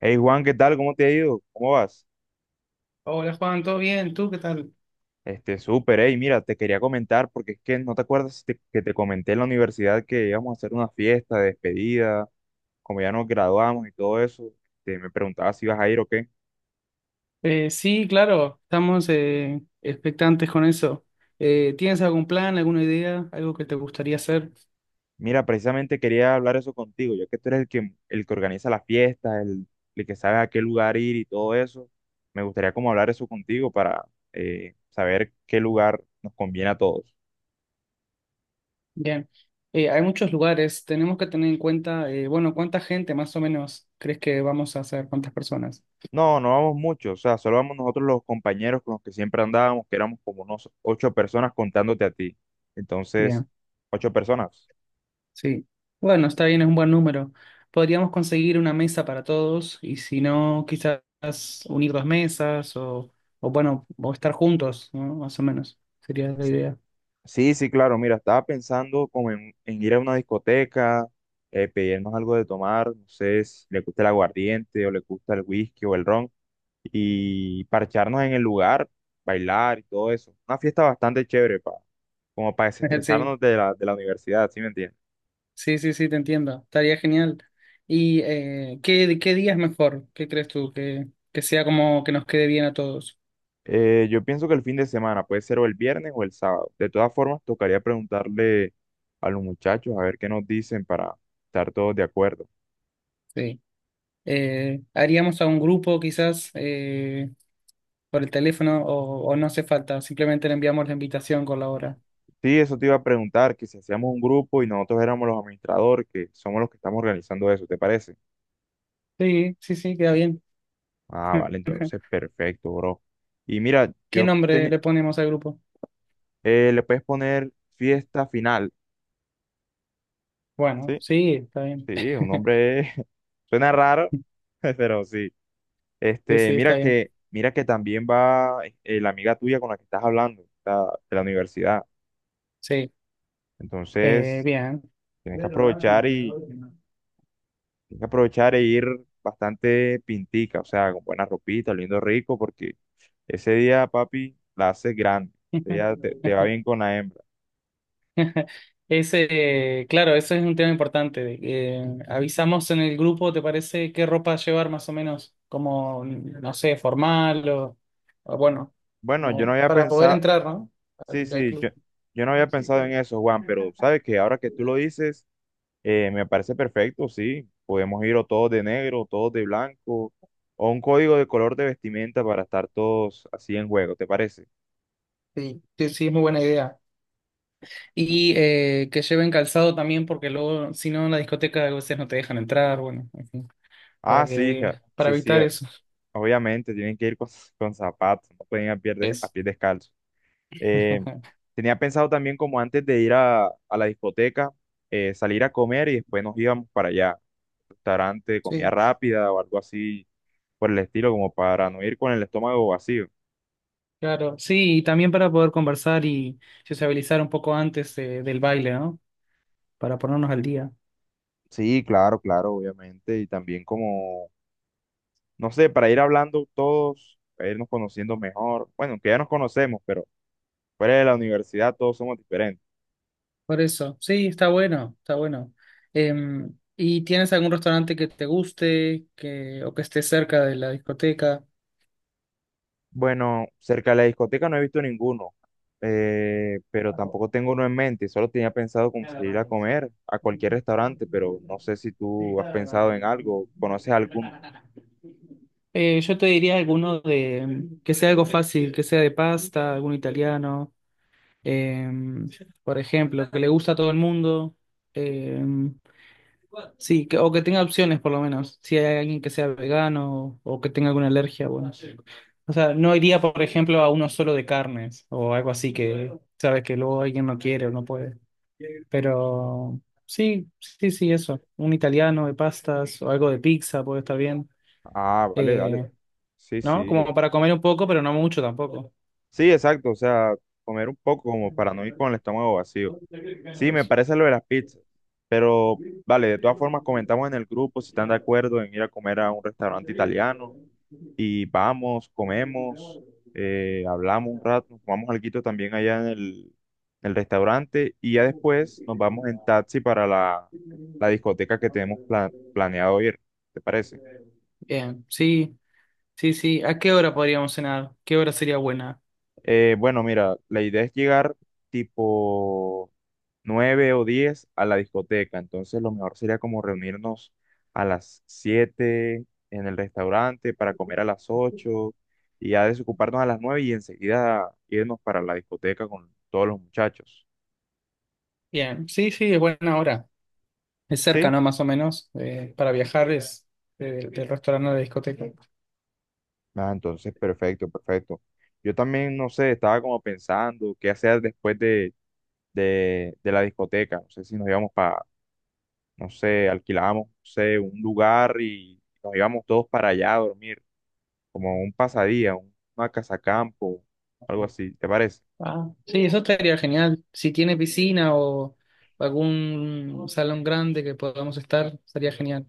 Hey Juan, ¿qué tal? ¿Cómo te ha ido? ¿Cómo vas? Hola Juan, ¿todo bien? ¿Tú qué tal? Súper, hey, mira, te quería comentar porque es que no te acuerdas que te comenté en la universidad que íbamos a hacer una fiesta de despedida, como ya nos graduamos y todo eso, me preguntaba si ibas a ir o qué. Sí, claro, estamos expectantes con eso. ¿Tienes algún plan, alguna idea, algo que te gustaría hacer? Mira, precisamente quería hablar eso contigo, ya que tú eres el que organiza las fiestas, el que sabe a qué lugar ir y todo eso, me gustaría como hablar eso contigo para saber qué lugar nos conviene a todos. Bien. Hay muchos lugares, tenemos que tener en cuenta, bueno, ¿cuánta gente más o menos crees que vamos a hacer? ¿Cuántas personas? No, no vamos mucho, o sea, solo vamos nosotros los compañeros con los que siempre andábamos, que éramos como unos ocho personas contándote a ti. Entonces, Bien, ocho personas. sí. Bueno, está bien, es un buen número. Podríamos conseguir una mesa para todos y si no, quizás unir dos mesas o bueno, o estar juntos, ¿no? Más o menos, sería la idea. Sí, sí, claro, mira, estaba pensando como en, ir a una discoteca, pedirnos algo de tomar, no sé si le gusta el aguardiente o le gusta el whisky o el ron, y parcharnos en el lugar, bailar y todo eso. Una fiesta bastante chévere, pa, como para Sí. desestresarnos de la universidad, ¿sí me entiendes? Sí, sí, sí, te entiendo. Estaría genial. ¿Y qué día es mejor? ¿Qué crees tú? Que sea como que nos quede bien a todos. Yo pienso que el fin de semana puede ser o el viernes o el sábado. De todas formas, tocaría preguntarle a los muchachos a ver qué nos dicen para estar todos de acuerdo. Sí. Haríamos a un grupo quizás por el teléfono o no hace falta. Simplemente le enviamos la invitación con la hora. Sí, eso te iba a preguntar, que si hacíamos un grupo y nosotros éramos los administradores, que somos los que estamos organizando eso, ¿te parece? Sí, sí, sí, queda bien. Ah, vale, entonces perfecto, bro. Y mira, ¿Qué nombre le ponemos al grupo? Le puedes poner fiesta final. Bueno, Sí, sí, está bien. sí, un nombre suena raro, pero sí. Sí, sí, está mira bien. que, mira que también va la amiga tuya con la que estás hablando, de la universidad. Sí, Entonces, bien. tienes que Pero dame aprovechar el y perdón, tienes que aprovechar e ir bastante pintica, o sea, con buena ropita, oliendo rico, porque ese día, papi, la haces grande. que Ese no. día te, te va bien con la hembra. Ese, claro, ese es un tema importante. Avisamos en el grupo, ¿te parece qué ropa llevar más o menos? Como, no sé, formal o bueno, Bueno, como yo sí, no había para poder pensado, entrar, ¿no? sí, Al, al sí, yo, club. yo no había Sí, pensado en eso, Juan, pero sabes que ahora que tú lo dices, me parece perfecto, sí. Podemos ir o todos de negro, o todos de blanco, o un código de color de vestimenta para estar todos así en juego, ¿te parece? sí, sí, es muy buena idea. Y que lleven calzado también, porque luego, si no, en la discoteca a veces no te dejan entrar, bueno, en fin, para Ah, sí, que, para sí, sí, evitar eso. obviamente tienen que ir con, con zapatos, no pueden ir a pie, de- a Eso. pie descalzo. Eh, tenía pensado también como antes de ir a la discoteca, salir a comer y después nos íbamos para allá, restaurante, comida Sí. rápida o algo así por el estilo, como para no ir con el estómago vacío. Claro, sí, y también para poder conversar y sociabilizar un poco antes del baile, ¿no? Para ponernos al día. Sí, claro, claro, obviamente. Y también como, no sé, para ir hablando todos, para irnos conociendo mejor. Bueno, que ya nos conocemos, pero fuera de la universidad todos somos diferentes. Por eso, sí, está bueno, está bueno. ¿Y tienes algún restaurante que te guste que, o que esté cerca de la discoteca? Bueno, cerca de la discoteca no he visto ninguno, pero tampoco tengo uno en mente. Solo tenía pensado como salir a comer a cualquier restaurante, pero no sé si tú has pensado en algo, conoces alguno. Yo te diría alguno de que sea algo fácil, que sea de pasta, algún italiano. em, por ejemplo, que le gusta a todo el mundo. em, sí, o que tenga opciones por lo menos, si hay alguien que sea vegano o que tenga alguna alergia, bueno. O sea, no iría, por ejemplo, a uno solo de carnes o algo así que, sabes, que luego alguien no quiere o no puede. Pero sí, sí, sí, eso. Un italiano de pastas o algo de pizza puede estar bien. Ah, vale, dale. Eh, Sí, ¿No? sí, Como para comer un poco, pero no mucho tampoco. sí, exacto, o sea, comer un poco como para no ir con el estómago vacío. Sí, me parece lo de las pizzas, pero vale, de todas formas comentamos en el grupo si están de acuerdo en ir a comer a un restaurante italiano y vamos, comemos, hablamos un rato, nos tomamos alguito también allá en el, restaurante y ya después nos vamos en taxi para la discoteca que tenemos planeado ir, ¿te parece? Bien, sí. Sí, sí. ¿A qué hora podríamos cenar? ¿Qué hora sería buena? Bueno, mira, la idea es llegar tipo nueve o diez a la discoteca. Entonces lo mejor sería como reunirnos a las siete en el restaurante para comer a las ocho y ya desocuparnos a las nueve y enseguida irnos para la discoteca con todos los muchachos. Bien, sí, sí, es buena hora. Es cerca, ¿Sí? ¿no? Más o menos. Para viajar es del restaurante a la discoteca. Ah, entonces, perfecto, perfecto. Yo también, no sé, estaba como pensando qué hacer después de la discoteca. No sé si nos íbamos para, no sé, alquilábamos, no sé, un lugar y nos íbamos todos para allá a dormir. Como un pasadía, una casacampo, algo así, ¿te parece? Ah, sí, eso estaría genial. Si tiene piscina o algún salón grande que podamos estar, sería genial.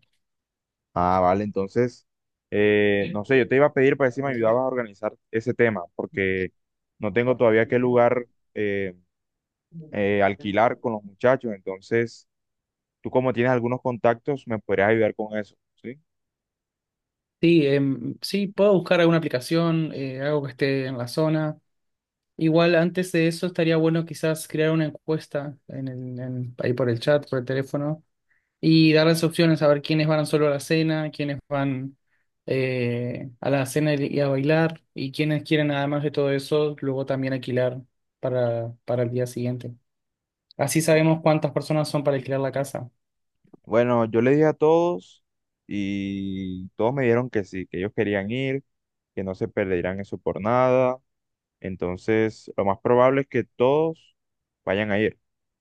Ah, vale, entonces, no sé, yo te iba a pedir para ver si me ayudabas a organizar ese tema, porque no tengo todavía qué lugar eh, alquilar con los muchachos, entonces tú como tienes algunos contactos, me podrías ayudar con eso, ¿sí? Sí, sí, puedo buscar alguna aplicación, algo que esté en la zona. Igual antes de eso estaría bueno quizás crear una encuesta en el, ahí por el chat, por el teléfono, y darles opciones a ver quiénes van solo a la cena, quiénes van a la cena y a bailar, y quiénes quieren, además de todo eso, luego también alquilar para el día siguiente. Así Bueno, sabemos cuántas personas son para alquilar la casa. bueno, yo le dije a todos y todos me dijeron que sí, que ellos querían ir, que no se perderían eso por nada. Entonces, lo más probable es que todos vayan a ir.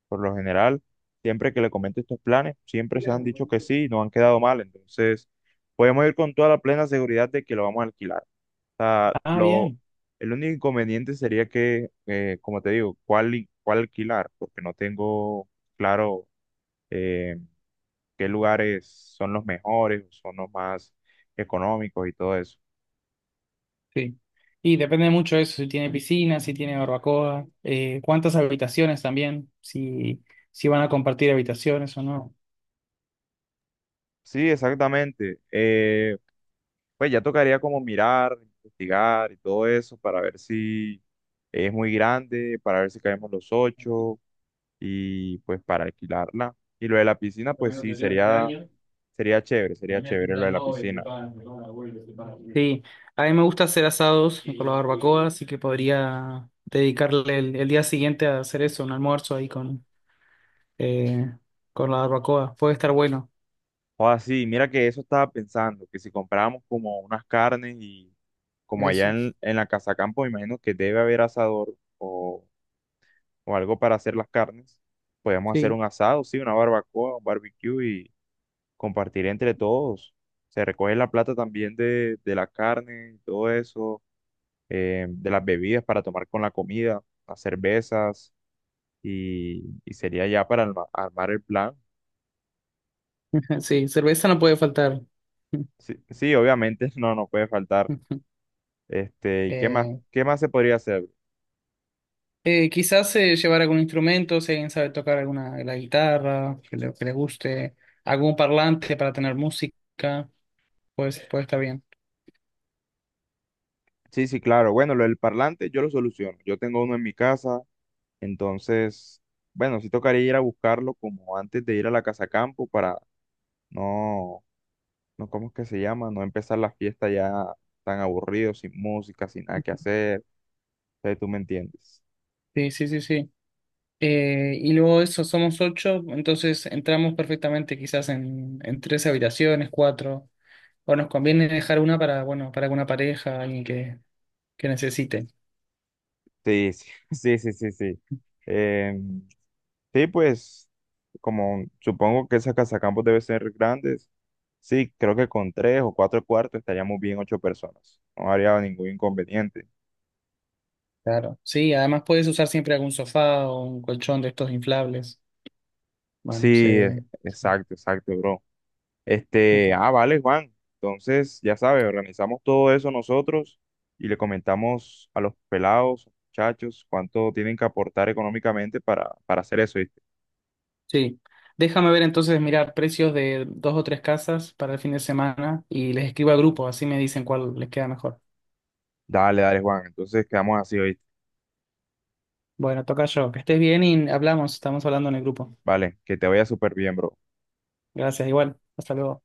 Por lo general, siempre que le comento estos planes, siempre se han dicho que sí y no han quedado mal. Entonces, podemos ir con toda la plena seguridad de que lo vamos a alquilar. O sea, Ah, lo, bien, el único inconveniente sería que, como te digo, cuál alquilar, porque no tengo claro eh, qué lugares son los mejores, son los más económicos y todo eso. sí. Y depende mucho de eso, si tiene piscina, si tiene barbacoa, cuántas habitaciones también, si, si van a compartir habitaciones o no. Sí, exactamente. Pues ya tocaría como mirar, investigar y todo eso para ver si es muy grande, para ver si caemos los ocho y pues para alquilarla. Y lo de la piscina, pues sí, sería chévere lo de la piscina. Está sí, a mí me gusta hacer asados con la barbacoa, así que podría dedicarle el día siguiente a hacer eso, un almuerzo ahí eh, con la barbacoa. Puede estar bueno, O así, mira que eso estaba pensando, que si comprábamos como unas carnes y como allá eso. en, la casa campo, me imagino que debe haber asador o algo para hacer las carnes, podemos hacer Sí, un asado, sí, una barbacoa, un barbecue compartir entre todos. Se recoge la plata también de la carne, y todo eso, de las bebidas para tomar con la comida, las cervezas, y sería ya para armar el plan. sí, cerveza no puede faltar. Sí, sí, obviamente, no, no puede faltar. ¿Qué más, Eh, qué más se podría hacer? Quizás llevar algún instrumento, si alguien sabe tocar alguna la guitarra, que le guste, algún parlante para tener música. Pues, pues está bien. Sí, sí, claro. Bueno, lo del parlante yo lo soluciono. Yo tengo uno en mi casa, entonces, bueno, sí tocaría ir a buscarlo como antes de ir a la casa campo para no no, ¿cómo es que se llama? No empezar la fiesta ya tan aburrido, sin música, sin nada que hacer. Entonces, tú me entiendes. Sí, sí, sí, sí. Y luego de eso somos ocho, entonces entramos perfectamente quizás en tres habitaciones, cuatro, o nos conviene dejar una para, bueno, para alguna pareja, alguien que necesite. Sí, sí, sí, sí, sí, sí. Em, sí, pues, como supongo que esas casacampos deben ser grandes, sí, creo que con tres o cuatro cuartos estaríamos bien ocho personas. No habría ningún inconveniente. Claro. Sí, además puedes usar siempre algún sofá o un colchón de estos inflables. Bueno, sí. Sí, e- Sí. exacto, exacto, bro. Ah, vale, Juan. Entonces, ya sabes, organizamos todo eso nosotros y le comentamos a los pelados, muchachos, cuánto tienen que aportar económicamente para, hacer eso, ¿viste? Sí. Déjame ver entonces, mirar precios de dos o tres casas para el fin de semana y les escribo al grupo, así me dicen cuál les queda mejor. Dale, dale, Juan. Entonces, quedamos así, ¿viste? Bueno, toca yo. Que estés bien y hablamos, estamos hablando en el grupo. Vale, que te vaya súper bien, bro. Gracias, igual. Hasta luego.